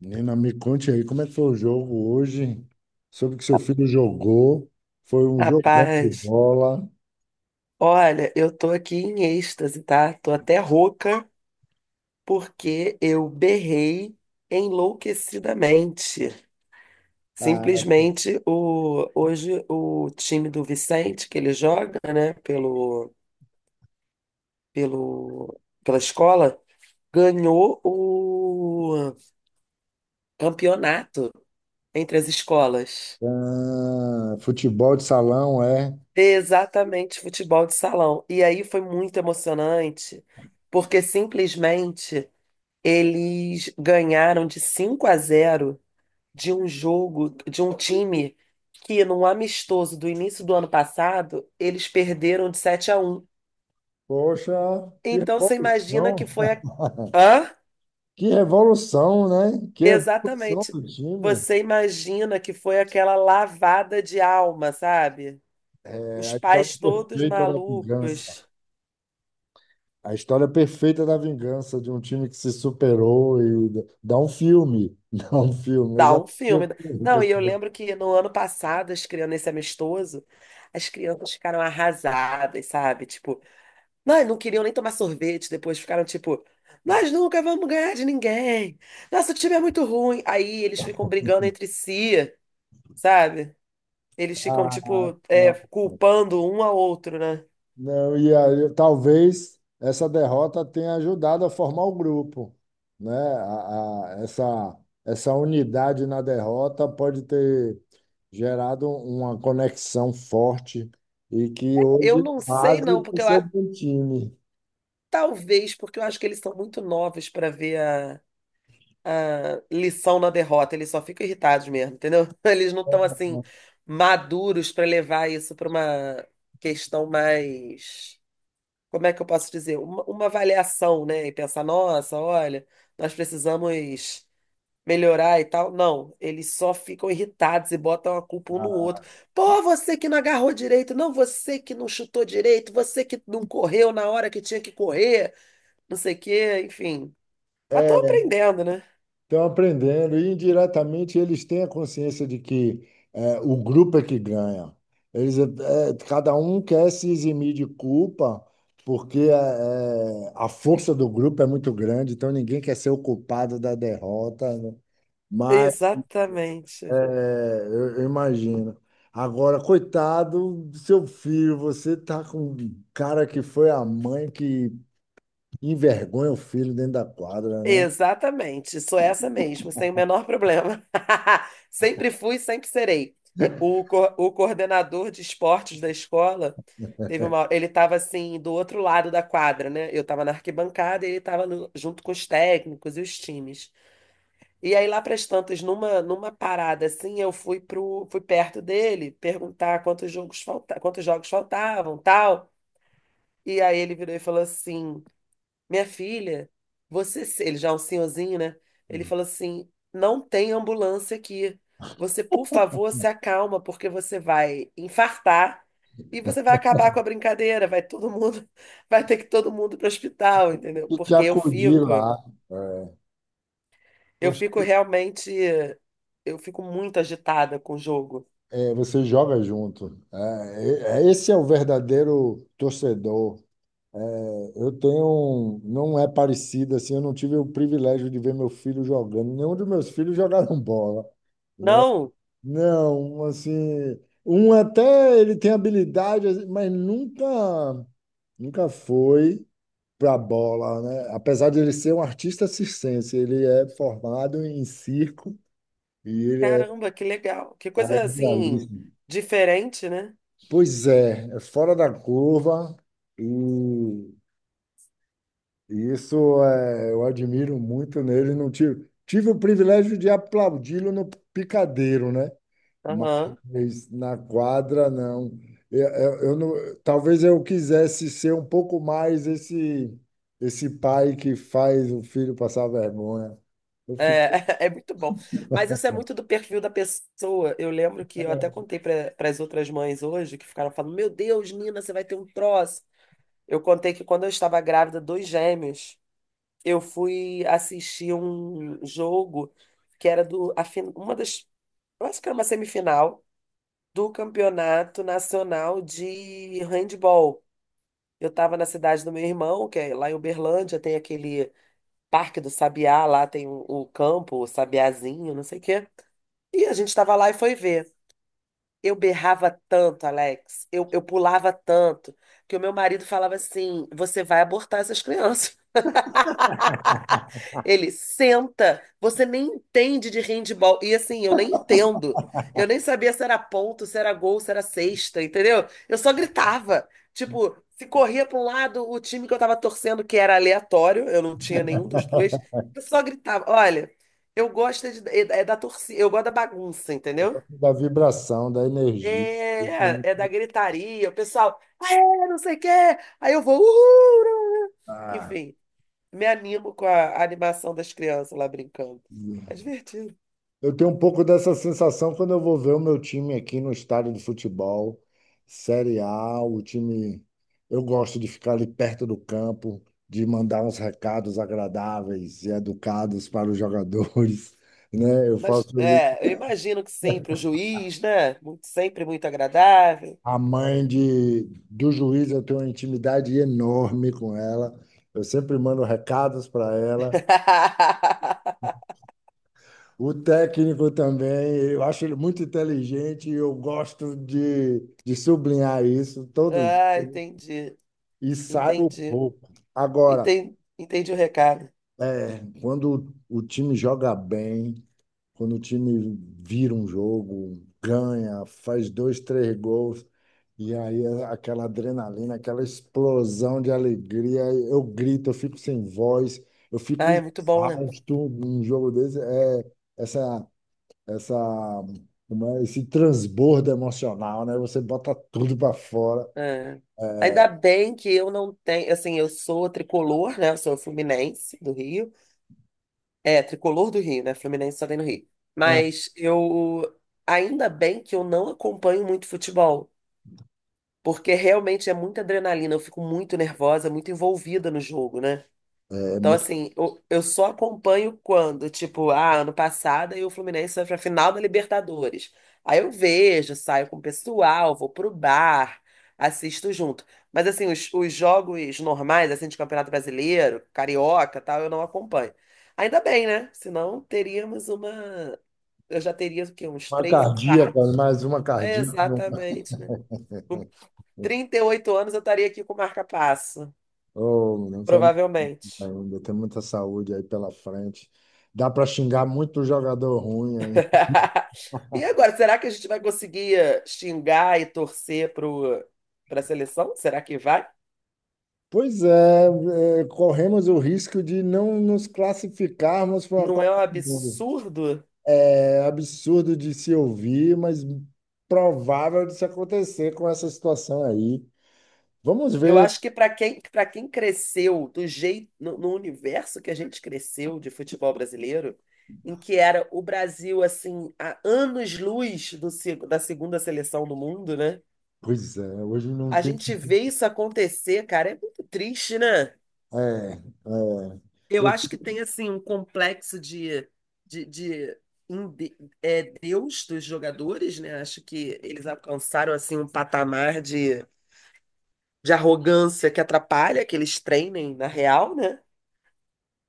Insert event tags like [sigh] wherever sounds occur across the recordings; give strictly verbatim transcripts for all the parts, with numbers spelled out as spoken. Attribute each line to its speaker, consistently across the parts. Speaker 1: Nina, me conte aí como é que foi o jogo hoje. Soube que seu filho jogou, foi um jogão de
Speaker 2: Rapaz,
Speaker 1: bola.
Speaker 2: olha, eu tô aqui em êxtase, tá? Tô até rouca porque eu berrei enlouquecidamente.
Speaker 1: Ah,
Speaker 2: Simplesmente o, hoje o time do Vicente, que ele joga, né, pelo, pelo, pela escola, ganhou o campeonato entre as escolas.
Speaker 1: futebol de salão, é.
Speaker 2: Exatamente, futebol de salão. E aí foi muito emocionante, porque simplesmente. Eles ganharam de cinco a zero de um jogo, de um time que, num amistoso do início do ano passado, eles perderam de sete a um.
Speaker 1: Poxa, que
Speaker 2: Então você imagina que
Speaker 1: revolução,
Speaker 2: foi a...
Speaker 1: [laughs]
Speaker 2: Hã?
Speaker 1: que revolução, né? Que revolução
Speaker 2: Exatamente.
Speaker 1: do time.
Speaker 2: Você imagina que foi aquela lavada de alma, sabe?
Speaker 1: É
Speaker 2: Os
Speaker 1: a história
Speaker 2: pais todos
Speaker 1: perfeita da vingança.
Speaker 2: malucos.
Speaker 1: A história perfeita da vingança de um time que se superou e dá um filme, [laughs] dá um filme. Eu
Speaker 2: Dá
Speaker 1: já
Speaker 2: um
Speaker 1: assisti o
Speaker 2: filme.
Speaker 1: filme com
Speaker 2: Não,
Speaker 1: esse
Speaker 2: e eu
Speaker 1: detalhe.
Speaker 2: lembro que no ano passado, as crianças, nesse amistoso, as crianças ficaram arrasadas, sabe? Tipo, nós não queriam nem tomar sorvete depois, ficaram tipo, nós nunca vamos ganhar de ninguém. Nosso time é muito ruim. Aí eles ficam brigando entre si, sabe? Eles ficam, tipo, é, culpando um ao outro, né?
Speaker 1: Não, e aí, talvez essa derrota tenha ajudado a formar o grupo, né? A, a- essa, essa unidade na derrota pode ter gerado uma conexão forte e que
Speaker 2: Eu
Speaker 1: hoje é
Speaker 2: não sei,
Speaker 1: base
Speaker 2: não,
Speaker 1: para o
Speaker 2: porque eu,
Speaker 1: seu
Speaker 2: a-
Speaker 1: bom time.
Speaker 2: talvez porque eu acho que eles são muito novos para ver a, a lição na derrota. Eles só ficam irritados mesmo, entendeu? [laughs] Eles não estão assim maduros para levar isso para uma questão mais, como é que eu posso dizer? Uma, uma avaliação, né? E pensar, nossa, olha, nós precisamos melhorar e tal. Não, eles só ficam irritados e botam a culpa um no outro. Pô, você que não agarrou direito, não, você que não chutou direito, você que não correu na hora que tinha que correr, não sei o quê, enfim. Mas tô aprendendo, né?
Speaker 1: Estão aprendendo e indiretamente eles têm a consciência de que é, o grupo é que ganha. Eles, é, cada um quer se eximir de culpa porque é, é, a força do grupo é muito grande, então ninguém quer ser o culpado da derrota, né? Mas é,
Speaker 2: Exatamente.
Speaker 1: eu, eu imagino. Agora, coitado do seu filho, você tá com um cara que foi a mãe que envergonha o filho dentro da quadra, né? Não?
Speaker 2: Exatamente, sou essa mesmo, sem o menor problema. [laughs] Sempre fui, sempre serei. O, co- o coordenador de esportes da escola teve uma, ele estava assim do outro lado da quadra, né? Eu estava na arquibancada e ele estava junto com os técnicos e os times. E aí lá para as tantas, numa numa parada assim, eu fui pro fui perto dele perguntar quantos jogos falta, quantos jogos faltavam, tal. E aí ele virou e falou assim: minha filha, você, se- ele já é um senhorzinho, né? Ele falou assim: não tem ambulância aqui. Você, por favor, se acalma, porque você vai infartar e você vai acabar com a brincadeira. Vai todo mundo, [laughs] vai ter que todo mundo para o hospital, entendeu?
Speaker 1: E te
Speaker 2: Porque eu
Speaker 1: acudir
Speaker 2: fico,
Speaker 1: lá. É.
Speaker 2: eu fico
Speaker 1: Você
Speaker 2: realmente, eu fico muito agitada com o jogo.
Speaker 1: é, você joga junto. É, é- é, esse é o verdadeiro torcedor. É, eu tenho, um- não é parecido assim. Eu não tive o privilégio de ver meu filho jogando. Nenhum dos meus filhos jogaram bola.
Speaker 2: Não,
Speaker 1: Não, assim, um até ele tem habilidade, assim, mas nunca, nunca foi para bola, né? Apesar de ele ser um artista circense, ele é formado em circo e ele é
Speaker 2: caramba, que legal, que coisa assim
Speaker 1: aerialista.
Speaker 2: diferente, né?
Speaker 1: Pois é, é fora da curva e, e isso é, eu admiro muito nele. Não tive, tive o privilégio de aplaudi-lo no picadeiro, né?
Speaker 2: Aham.
Speaker 1: Mas na quadra, não. Eu, eu, eu não. Talvez eu quisesse ser um pouco mais esse, esse pai que faz o filho passar vergonha. Eu
Speaker 2: É,
Speaker 1: fico
Speaker 2: [laughs] é muito bom. Mas isso é muito do perfil da pessoa. Eu lembro que eu até contei para as outras mães hoje, que ficaram falando: Meu Deus, Nina, você vai ter um troço. Eu contei que quando eu estava grávida dos gêmeos, eu fui assistir um jogo que era do, a fin- uma das, eu acho que era uma semifinal do Campeonato Nacional de Handball. Eu estava na cidade do meu irmão, que é lá em Uberlândia, tem aquele Parque do Sabiá, lá tem o, o campo, o Sabiazinho, não sei o quê. E a gente estava lá e foi ver. Eu berrava tanto, Alex, eu, eu pulava tanto, que o meu marido falava assim: você vai abortar essas crianças. [laughs] Ele senta, você nem entende de handball. E assim, eu nem entendo. Eu nem sabia se era ponto, se era gol, se era cesta, entendeu? Eu só gritava. Tipo, se corria para um lado, o time que eu tava torcendo, que era aleatório, eu não tinha nenhum dos dois,
Speaker 1: [laughs]
Speaker 2: eu só gritava. Olha, eu gosto é de- é é da torcida, eu gosto da bagunça, entendeu?
Speaker 1: da vibração, da energia. Isso é
Speaker 2: É, é da
Speaker 1: muito.
Speaker 2: gritaria, o pessoal, é, não sei o quê. Aí eu vou, uhul!
Speaker 1: Ah,
Speaker 2: Enfim, me animo com a animação das crianças lá brincando. É divertido.
Speaker 1: eu tenho um pouco dessa sensação quando eu vou ver o meu time aqui no estádio de futebol, Série A, o time. Eu gosto de ficar ali perto do campo, de mandar uns recados agradáveis e educados para os jogadores, [laughs] né? Eu
Speaker 2: Mas
Speaker 1: faço ali.
Speaker 2: é, eu imagino que sempre o juiz, né? Muito, sempre muito agradável.
Speaker 1: A mãe de, do juiz, eu tenho uma intimidade enorme com ela. Eu sempre mando recados para ela.
Speaker 2: [laughs]
Speaker 1: O técnico também, eu acho ele muito inteligente e eu gosto de, de sublinhar isso todo
Speaker 2: Ah, entendi.
Speaker 1: e saio
Speaker 2: Entendi.
Speaker 1: pouco. Agora,
Speaker 2: Entendi, entendi o recado.
Speaker 1: é, quando o time joga bem, quando o time vira um jogo, ganha, faz dois, três gols, e aí é aquela adrenalina, aquela explosão de alegria, eu grito, eu fico sem voz, eu fico
Speaker 2: Ah, é muito bom, né?
Speaker 1: exausto num jogo desse. É essa, essa, como é, esse transbordo emocional, né? Você bota tudo para fora.
Speaker 2: É. Ainda bem que eu não tenho, assim, eu sou tricolor, né? Eu sou fluminense do Rio. É, tricolor do Rio, né? Fluminense só tem no Rio. Mas eu. Ainda bem que eu não acompanho muito futebol, porque realmente é muita adrenalina, eu fico muito nervosa, muito envolvida no jogo, né?
Speaker 1: É, é
Speaker 2: Então,
Speaker 1: muito.
Speaker 2: assim, eu, eu só acompanho quando, tipo, ah, ano passado aí o Fluminense foi pra final da Libertadores. Aí eu vejo, saio com o pessoal, vou pro bar, assisto junto. Mas, assim, os, os jogos normais, assim, de Campeonato Brasileiro, Carioca, tal, eu não acompanho. Ainda bem, né? Senão teríamos uma... Eu já teria, o quê? Uns
Speaker 1: Uma
Speaker 2: três
Speaker 1: cardíaca,
Speaker 2: infartos.
Speaker 1: mais uma
Speaker 2: É,
Speaker 1: cardíaca. não-
Speaker 2: exatamente, né? Com trinta e oito anos eu estaria aqui com marca-passo,
Speaker 1: Oh, não sei
Speaker 2: provavelmente.
Speaker 1: ainda, tem muita saúde aí pela frente. Dá para xingar muito jogador ruim aí.
Speaker 2: [laughs] E agora, será que a gente vai conseguir eh, xingar e torcer pro, pra seleção? Será que vai?
Speaker 1: Pois é, é, corremos o risco de não nos classificarmos para uma
Speaker 2: Não é um
Speaker 1: Copa do Mundo.
Speaker 2: absurdo?
Speaker 1: É absurdo de se ouvir, mas provável de se acontecer com essa situação aí. Vamos
Speaker 2: Eu
Speaker 1: ver.
Speaker 2: acho que para quem, para quem cresceu do jeito, no, no universo que a gente cresceu de futebol brasileiro, em que era o Brasil, assim, a anos-luz do se- da segunda seleção do mundo, né?
Speaker 1: Pois é, hoje não
Speaker 2: A
Speaker 1: tem.
Speaker 2: gente vê isso acontecer, cara, é muito triste, né?
Speaker 1: É, é.
Speaker 2: Eu
Speaker 1: Eu
Speaker 2: acho que tem assim um complexo de, de, de, em de- é, Deus dos jogadores, né? Acho que eles alcançaram assim um patamar de, de arrogância que atrapalha que eles treinem na real, né?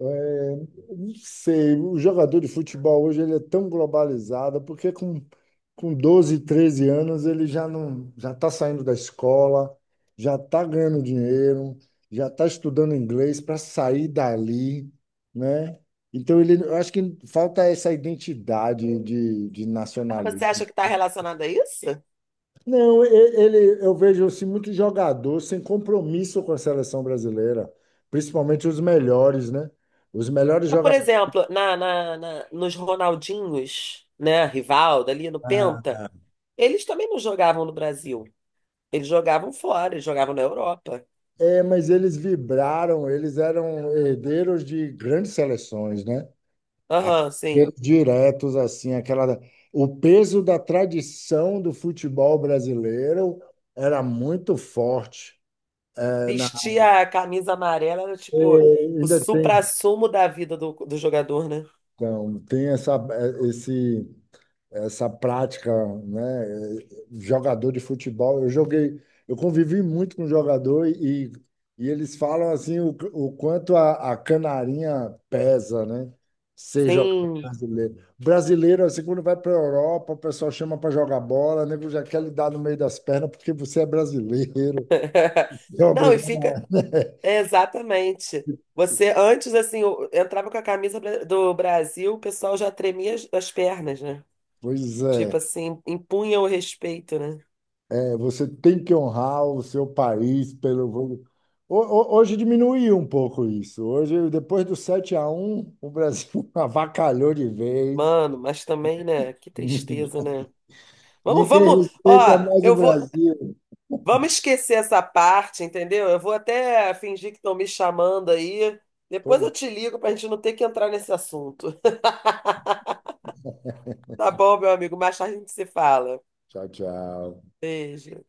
Speaker 1: É, não sei, o jogador de futebol hoje ele é tão globalizado, porque com, com doze treze anos ele já não já está saindo da escola, já está ganhando dinheiro, já está estudando inglês para sair dali, né? Então ele, eu acho que falta essa identidade de, de
Speaker 2: Ah, você acha
Speaker 1: nacionalismo.
Speaker 2: que está relacionado a isso?
Speaker 1: Não, e- ele, eu vejo assim, muito jogador sem compromisso com a seleção brasileira, principalmente os melhores, né? Os melhores
Speaker 2: Mas, por
Speaker 1: jogadores.
Speaker 2: exemplo, na, na, na- nos Ronaldinhos, né? Rivaldo ali no Penta, eles também não jogavam no Brasil. Eles jogavam fora, eles jogavam na Europa.
Speaker 1: É, mas eles vibraram, eles eram herdeiros de grandes seleções, né? Ah,
Speaker 2: Aham, sim.
Speaker 1: herdeiros diretos, assim, aquela. O peso da tradição do futebol brasileiro era muito forte. É,
Speaker 2: Vestir a camisa amarela era tipo o
Speaker 1: ainda tem,
Speaker 2: suprassumo da vida do, do jogador, né?
Speaker 1: então, tem essa, é, esse essa prática, né? Jogador de futebol, eu joguei, eu convivi muito com jogador e, e eles falam assim o, o quanto a, a canarinha pesa, né? Ser jogador
Speaker 2: Sim.
Speaker 1: brasileiro. Brasileiro, assim, quando vai para a Europa, o pessoal chama para jogar bola, o nego já quer lhe dar no meio das pernas porque você é brasileiro. [laughs]
Speaker 2: [laughs]
Speaker 1: É
Speaker 2: Não, e
Speaker 1: obrigado.
Speaker 2: fica.
Speaker 1: Né?
Speaker 2: É, exatamente. Você, antes, assim, eu entrava com a camisa bra- do Brasil, o pessoal já tremia as as pernas, né?
Speaker 1: Pois
Speaker 2: Tipo
Speaker 1: é.
Speaker 2: assim, impunha o respeito, né?
Speaker 1: É, você tem que honrar o seu país pelo. Ho- ho- Hoje diminuiu um pouco isso. Hoje, depois do sete a um o Brasil [laughs] avacalhou de vez.
Speaker 2: Mano, mas também, né? Que tristeza,
Speaker 1: [laughs]
Speaker 2: né? Vamos,
Speaker 1: Ninguém
Speaker 2: vamos.
Speaker 1: respeita
Speaker 2: Ó,
Speaker 1: mais o
Speaker 2: eu vou,
Speaker 1: Brasil.
Speaker 2: vamos esquecer essa parte, entendeu? Eu vou até fingir que estão me chamando aí. Depois
Speaker 1: Pois,
Speaker 2: eu te ligo para a gente não ter que entrar nesse assunto. Tá bom, meu amigo? Mais tarde a gente se fala.
Speaker 1: tchau, tchau.
Speaker 2: Beijo.